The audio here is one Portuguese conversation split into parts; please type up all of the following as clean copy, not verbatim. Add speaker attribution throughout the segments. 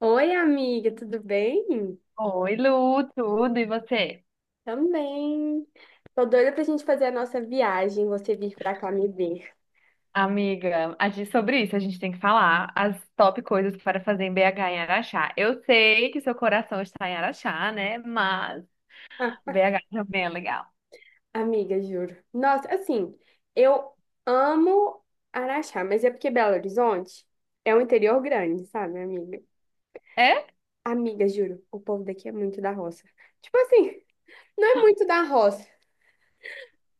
Speaker 1: Oi, amiga, tudo bem?
Speaker 2: Oi, Lu, tudo, e você?
Speaker 1: Também. Tô doida pra gente fazer a nossa viagem, você vir pra cá me ver.
Speaker 2: Amiga, sobre isso a gente tem que falar as top coisas para fazer em BH em Araxá. Eu sei que seu coração está em Araxá, né? Mas
Speaker 1: Ah,
Speaker 2: BH também é legal.
Speaker 1: amiga, juro. Nossa, assim, eu amo Araxá, mas é porque Belo Horizonte é um interior grande, sabe, amiga?
Speaker 2: É?
Speaker 1: Amiga, juro, o povo daqui é muito da roça. Tipo assim, não é muito da roça,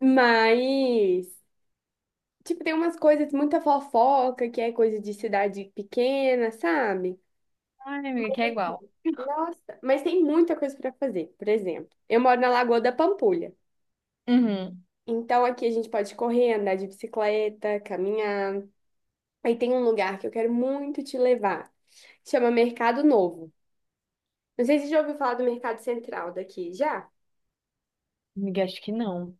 Speaker 1: mas, tipo, tem umas coisas, muita fofoca, que é coisa de cidade pequena, sabe?
Speaker 2: Ai, amiga, que é igual.
Speaker 1: Nossa, mas tem muita coisa para fazer. Por exemplo, eu moro na Lagoa da Pampulha.
Speaker 2: Uhum.
Speaker 1: Então aqui a gente pode correr, andar de bicicleta, caminhar. Aí tem um lugar que eu quero muito te levar. Chama Mercado Novo. Não sei se você já ouviu falar do Mercado Central daqui, já?
Speaker 2: Amiga, acho que não.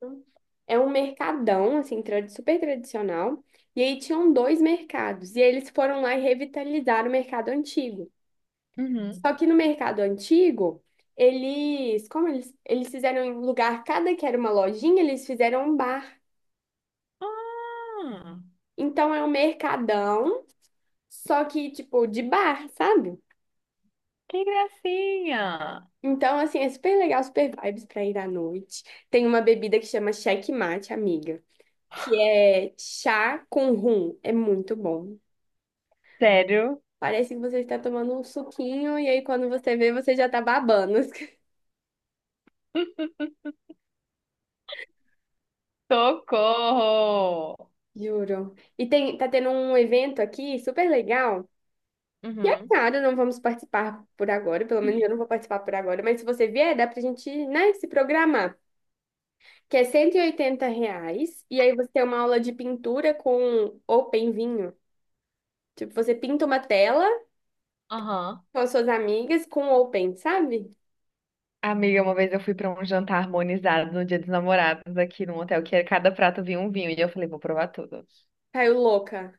Speaker 1: Não. É um mercadão, assim, super tradicional. E aí tinham dois mercados. E eles foram lá e revitalizaram o mercado antigo.
Speaker 2: Uhum.
Speaker 1: Só que no mercado antigo, eles fizeram em lugar, cada que era uma lojinha, eles fizeram um bar.
Speaker 2: Ah,
Speaker 1: Então é um mercadão, só que tipo de bar, sabe?
Speaker 2: que gracinha!
Speaker 1: Então assim, é super legal, super vibes pra ir à noite. Tem uma bebida que chama Checkmate, amiga, que é chá com rum, é muito bom.
Speaker 2: Sério?
Speaker 1: Parece que você está tomando um suquinho e aí quando você vê, você já tá babando.
Speaker 2: Socorro!
Speaker 1: Juro. E tem, tá tendo um evento aqui super legal. E é
Speaker 2: Uhum.
Speaker 1: claro, não vamos participar por agora, pelo menos eu não vou participar por agora, mas se você vier, dá pra gente, né, se programar, que é R 180 reais, e aí você tem uma aula de pintura com open vinho. Tipo, você pinta uma tela
Speaker 2: Aham.
Speaker 1: com as suas amigas com open, sabe?
Speaker 2: Amiga, uma vez eu fui para um jantar harmonizado no Dia dos Namorados aqui num hotel que cada prato vinha um vinho e eu falei, vou provar tudo.
Speaker 1: Caiu louca.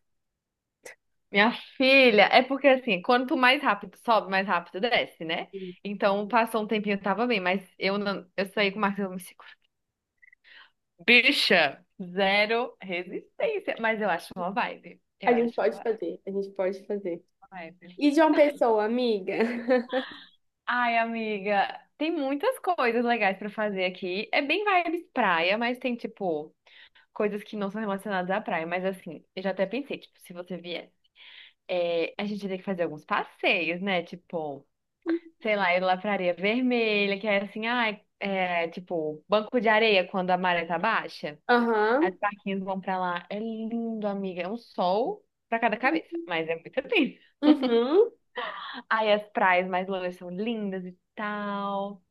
Speaker 2: Minha filha, é porque assim, quanto mais rápido sobe, mais rápido desce, né? Então passou um tempinho, eu tava bem, mas eu não, eu saí com o Marcos, eu me seguro. Bicha, zero resistência, mas eu acho uma vibe. Eu
Speaker 1: A gente
Speaker 2: acho uma
Speaker 1: pode
Speaker 2: vibe.
Speaker 1: fazer, a gente pode fazer.
Speaker 2: Uma vibe.
Speaker 1: E de uma Pessoa, amiga?
Speaker 2: Ai, amiga, tem muitas coisas legais pra fazer aqui. É bem vibes praia, mas tem tipo coisas que não são relacionadas à praia, mas assim, eu já até pensei, tipo, se você vier, a gente tem que fazer alguns passeios, né? Tipo, sei lá, ir lá pra Areia Vermelha, que é assim, ai, tipo, banco de areia quando a maré tá baixa.
Speaker 1: Aham,
Speaker 2: As barquinhas vão pra lá. É lindo, amiga. É um sol pra cada cabeça, mas é muito lindo.
Speaker 1: uhum.
Speaker 2: Aí as praias mais longe são lindas e tal.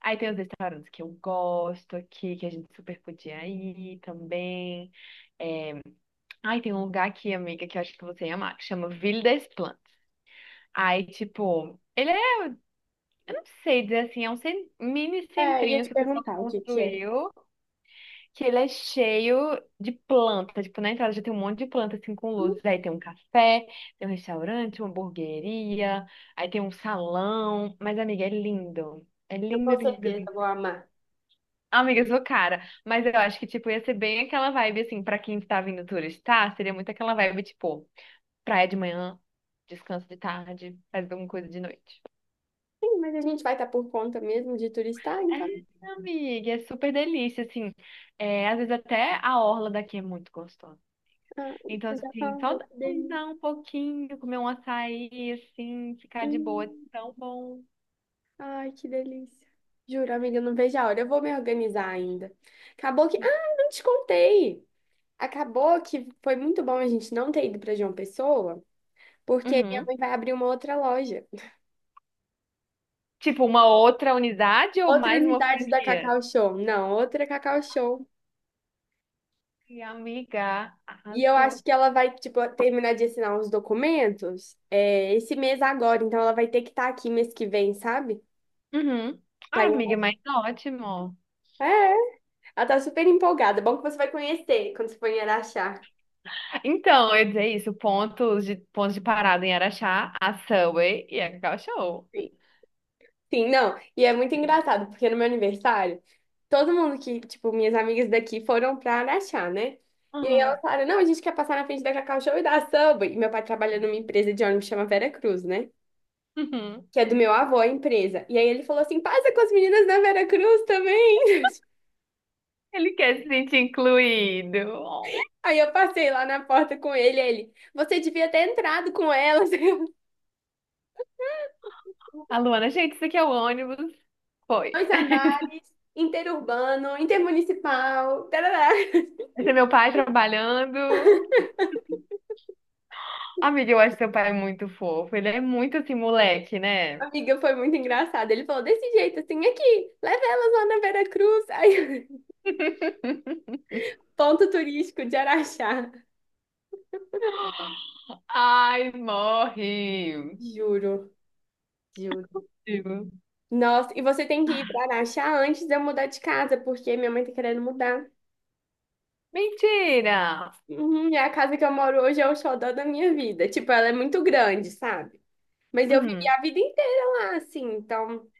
Speaker 2: Aí tem os restaurantes que eu gosto aqui, que a gente super podia ir também. É, Ai, tem um lugar aqui, amiga, que eu acho que você ia amar, que chama Ville des Plantes. Aí, tipo, não sei dizer assim, é um mini
Speaker 1: É, ia
Speaker 2: centrinho
Speaker 1: te
Speaker 2: que o pessoal
Speaker 1: perguntar o que que é.
Speaker 2: construiu, que ele é cheio de planta. Tipo, na entrada já tem um monte de planta, assim, com luzes. Aí tem um café, tem um restaurante, uma hamburgueria, aí tem um salão. Mas, amiga, é lindo. É
Speaker 1: Eu
Speaker 2: lindo,
Speaker 1: com
Speaker 2: lindo,
Speaker 1: certeza
Speaker 2: lindo.
Speaker 1: vou amar.
Speaker 2: Amiga, eu sou cara, mas eu acho que, tipo, ia ser bem aquela vibe, assim, pra quem tá vindo turistar, seria muito aquela vibe, tipo, praia de manhã, descanso de tarde, faz alguma coisa de noite.
Speaker 1: Sim, mas a gente vai estar por conta mesmo de turistar,
Speaker 2: É,
Speaker 1: então.
Speaker 2: amiga, é super delícia, assim, às vezes até a orla daqui é muito gostosa.
Speaker 1: Ah,
Speaker 2: Então,
Speaker 1: você já
Speaker 2: assim, só
Speaker 1: falou que delícia.
Speaker 2: andar um pouquinho, comer um açaí, assim, ficar de boa, é
Speaker 1: Hum,
Speaker 2: tão bom.
Speaker 1: ai, que delícia. Juro, amiga, eu não vejo a hora. Eu vou me organizar ainda. Acabou que. Ah, não te contei. Acabou que foi muito bom a gente não ter ido para João Pessoa, porque minha
Speaker 2: Uhum.
Speaker 1: mãe vai abrir uma outra loja.
Speaker 2: Tipo, uma outra unidade ou
Speaker 1: Outra
Speaker 2: mais uma
Speaker 1: unidade da Cacau
Speaker 2: franquia?
Speaker 1: Show. Não, outra Cacau Show.
Speaker 2: E amiga,
Speaker 1: E eu acho
Speaker 2: arrasou.
Speaker 1: que ela vai, tipo, terminar de assinar uns documentos, é, esse mês agora. Então ela vai ter que estar aqui mês que vem, sabe?
Speaker 2: Uhum.
Speaker 1: Tá
Speaker 2: Ah,
Speaker 1: em-
Speaker 2: amiga, mas ótimo.
Speaker 1: É, ela tá super empolgada. É bom que você vai conhecer quando você for em Araxá.
Speaker 2: Então, eu ia dizer isso, pontos de parada em Araxá, a Subway e a Cacau Show.
Speaker 1: Sim, sim, não. E é muito engraçado, porque no meu aniversário, todo mundo que, tipo, minhas amigas daqui foram pra Araxá, né? E aí
Speaker 2: Uhum.
Speaker 1: elas falaram, não, a gente quer passar na frente da Cacau Show e da Subway. E meu pai trabalha numa empresa de ônibus que chama Vera Cruz, né?
Speaker 2: Uhum.
Speaker 1: Que é do meu avô, a empresa. E aí ele falou assim, passa com as meninas da Vera Cruz também.
Speaker 2: Ele quer se sentir incluído. Oh.
Speaker 1: Aí eu passei lá na porta com ele, aí ele, você devia ter entrado com elas.
Speaker 2: A Luana, gente, isso aqui é o ônibus. Foi.
Speaker 1: Dois andares, interurbano, intermunicipal, tarará.
Speaker 2: Esse é meu pai trabalhando. Amiga, eu acho seu pai muito fofo. Ele é muito assim, moleque, né?
Speaker 1: Amiga, foi muito engraçado. Ele falou desse jeito, assim, aqui, leva elas lá na Vera Cruz. Aí, ponto turístico de Araxá.
Speaker 2: Ai, morre.
Speaker 1: Juro, juro.
Speaker 2: Digo,
Speaker 1: Nossa, e você tem que ir para Araxá antes de eu mudar de casa, porque minha mãe tá querendo mudar.
Speaker 2: mentira!
Speaker 1: Uhum, e a casa que eu moro hoje é o xodó da minha vida. Tipo, ela é muito grande, sabe? Mas eu vivi
Speaker 2: Uhum.
Speaker 1: a vida inteira lá, assim, então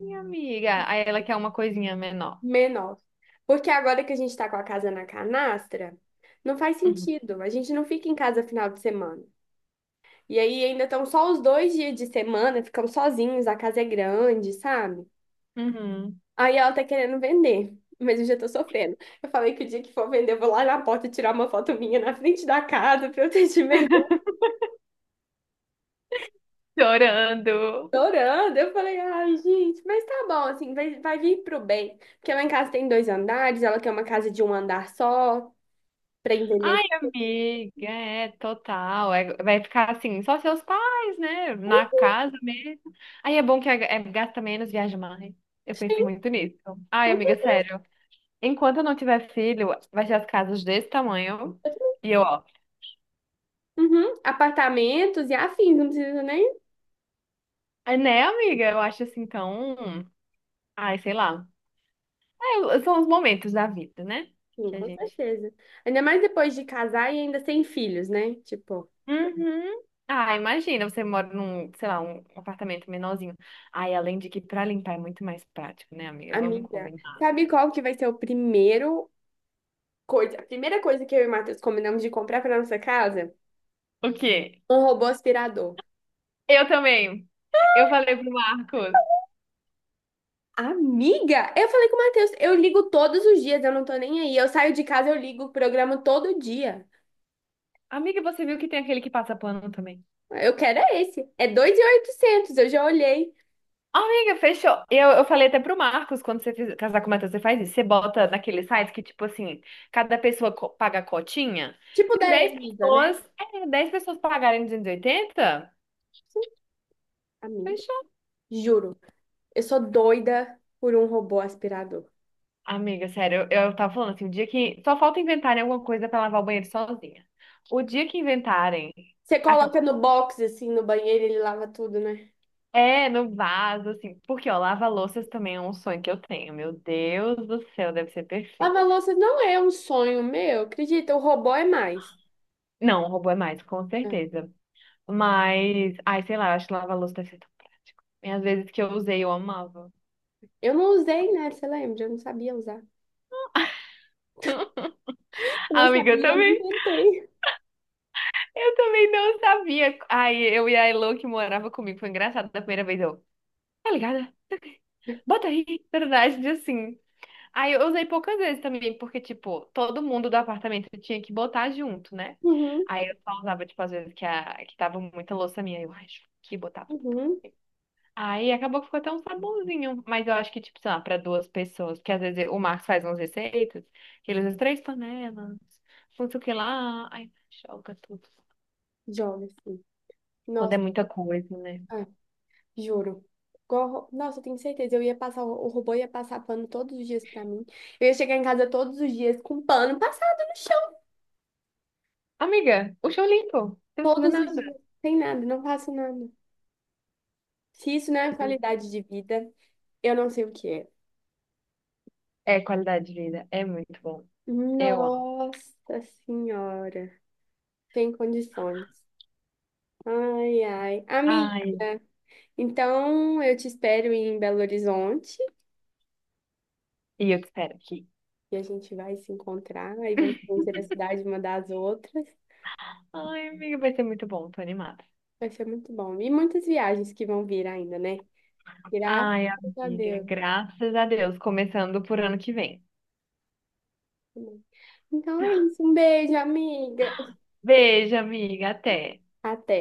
Speaker 2: Minha amiga. Aí ela quer uma coisinha menor.
Speaker 1: menor. Porque agora que a gente tá com a casa na canastra, não faz
Speaker 2: Uhum.
Speaker 1: sentido. A gente não fica em casa final de semana. E aí ainda estão só os 2 dias de semana, ficamos sozinhos, a casa é grande, sabe?
Speaker 2: Uhum.
Speaker 1: Aí ela tá querendo vender, mas eu já tô sofrendo. Eu falei que o dia que for vender, eu vou lá na porta tirar uma foto minha na frente da casa pra eu ter de me
Speaker 2: Chorando.
Speaker 1: orando. Eu falei, ai, gente, mas tá bom, assim, vai vir pro bem. Porque lá em casa tem dois andares, ela quer uma casa de um andar só, pra
Speaker 2: Ai,
Speaker 1: envelhecer.
Speaker 2: amiga, é total. Vai ficar assim, só seus pais, né? Na casa mesmo. Aí é bom que gasta menos, viaja mais. Eu penso
Speaker 1: Sim,
Speaker 2: muito nisso. Ai, amiga, sério. Enquanto eu não tiver filho, vai ser as casas desse tamanho. E eu, ó.
Speaker 1: uhum, apartamentos e afins, não precisa nem.
Speaker 2: É, né, amiga? Eu acho assim tão. Ai, sei lá. É, são os momentos da vida, né?
Speaker 1: Sim,
Speaker 2: Que a
Speaker 1: com
Speaker 2: gente.
Speaker 1: certeza. Ainda mais depois de casar e ainda sem filhos, né? Tipo,
Speaker 2: Uhum. Ah, imagina, você mora num, sei lá, um apartamento menorzinho. Ai, além de que pra limpar é muito mais prático, né, amiga? Vamos
Speaker 1: amiga,
Speaker 2: combinar.
Speaker 1: sabe qual que vai ser o primeiro coisa, a primeira coisa que eu e o Matheus combinamos de comprar para nossa casa?
Speaker 2: O quê?
Speaker 1: Um robô aspirador.
Speaker 2: Eu também. Eu falei pro Marcos.
Speaker 1: Amiga, eu falei com o Matheus, eu ligo todos os dias, eu não tô nem aí. Eu saio de casa, eu ligo o programa todo dia.
Speaker 2: Amiga, você viu que tem aquele que passa pano também?
Speaker 1: Eu quero é esse. É 2.800, eu já olhei.
Speaker 2: Amiga, fechou. Eu falei até pro Marcos, quando você casar com o Matheus, você faz isso. Você bota naquele site que, tipo assim, cada pessoa paga a cotinha.
Speaker 1: Tipo
Speaker 2: Se
Speaker 1: da
Speaker 2: 10
Speaker 1: Elisa, né?
Speaker 2: pessoas, 10 pessoas pagarem 280.
Speaker 1: Amiga, juro. Eu sou doida por um robô aspirador.
Speaker 2: Amiga, sério, eu tava falando assim, o dia que. Só falta inventarem alguma coisa pra lavar o banheiro sozinha. O dia que inventarem,
Speaker 1: Você coloca
Speaker 2: acabou.
Speaker 1: no box, assim, no banheiro, ele lava tudo, né?
Speaker 2: É, no vaso, assim. Porque, ó, lava-louças também é um sonho que eu tenho. Meu Deus do céu, deve ser perfeito.
Speaker 1: Lavar louça não é um sonho meu, acredita, o robô é mais.
Speaker 2: Não, o robô é mais, com
Speaker 1: Ah,
Speaker 2: certeza. Mas, ai, sei lá, eu acho que lava-louça deve ser tão prático. E às vezes que eu usei, eu amava.
Speaker 1: eu não usei, né? Você lembra? Eu não sabia usar. Eu não
Speaker 2: Amiga,
Speaker 1: sabia, eu não tentei.
Speaker 2: eu também não sabia. Ai, eu e a Elo que morava comigo, foi engraçado da primeira vez. Eu, tá ligada? Bota aí, verdade, assim. Aí eu usei poucas vezes também, porque, tipo, todo mundo do apartamento tinha que botar junto, né?
Speaker 1: Uhum,
Speaker 2: Aí eu só usava, tipo, às vezes que, que tava muita louça minha, eu acho que botava tudo.
Speaker 1: uhum.
Speaker 2: Aí acabou que ficou até um sabonzinho, mas eu acho que, tipo, sei lá, pra duas pessoas, porque às vezes o Marcos faz umas receitas, que ele usa três panelas, não sei o que lá, aí joga tudo.
Speaker 1: Joga, assim.
Speaker 2: Quando é
Speaker 1: Nossa,
Speaker 2: muita coisa, né?
Speaker 1: ah, juro. Igual nossa, eu tenho certeza. Eu ia passar, o robô ia passar pano todos os dias pra mim. Eu ia chegar em casa todos os dias com pano passado no chão.
Speaker 2: Amiga, o chão limpo, não precisa fazer
Speaker 1: Todos os dias.
Speaker 2: nada.
Speaker 1: Sem nada, não faço nada. Se isso não é qualidade de vida, eu não sei o que é.
Speaker 2: É qualidade de vida, é muito bom. Eu amo.
Speaker 1: Nossa Senhora, sem condições. Ai, ai.
Speaker 2: Ai,
Speaker 1: Amiga, então eu te espero em Belo Horizonte
Speaker 2: e eu te espero aqui.
Speaker 1: e a gente vai se encontrar e vamos conhecer a cidade uma das outras.
Speaker 2: Ai, amiga, vai ser muito bom, tô animada.
Speaker 1: Vai ser muito bom. E muitas viagens que vão vir ainda, né? Graças
Speaker 2: Ai,
Speaker 1: a
Speaker 2: amiga,
Speaker 1: Deus.
Speaker 2: graças a Deus, começando por ano que vem.
Speaker 1: Então é isso. Um beijo, amiga.
Speaker 2: Beijo, amiga, até.
Speaker 1: Até.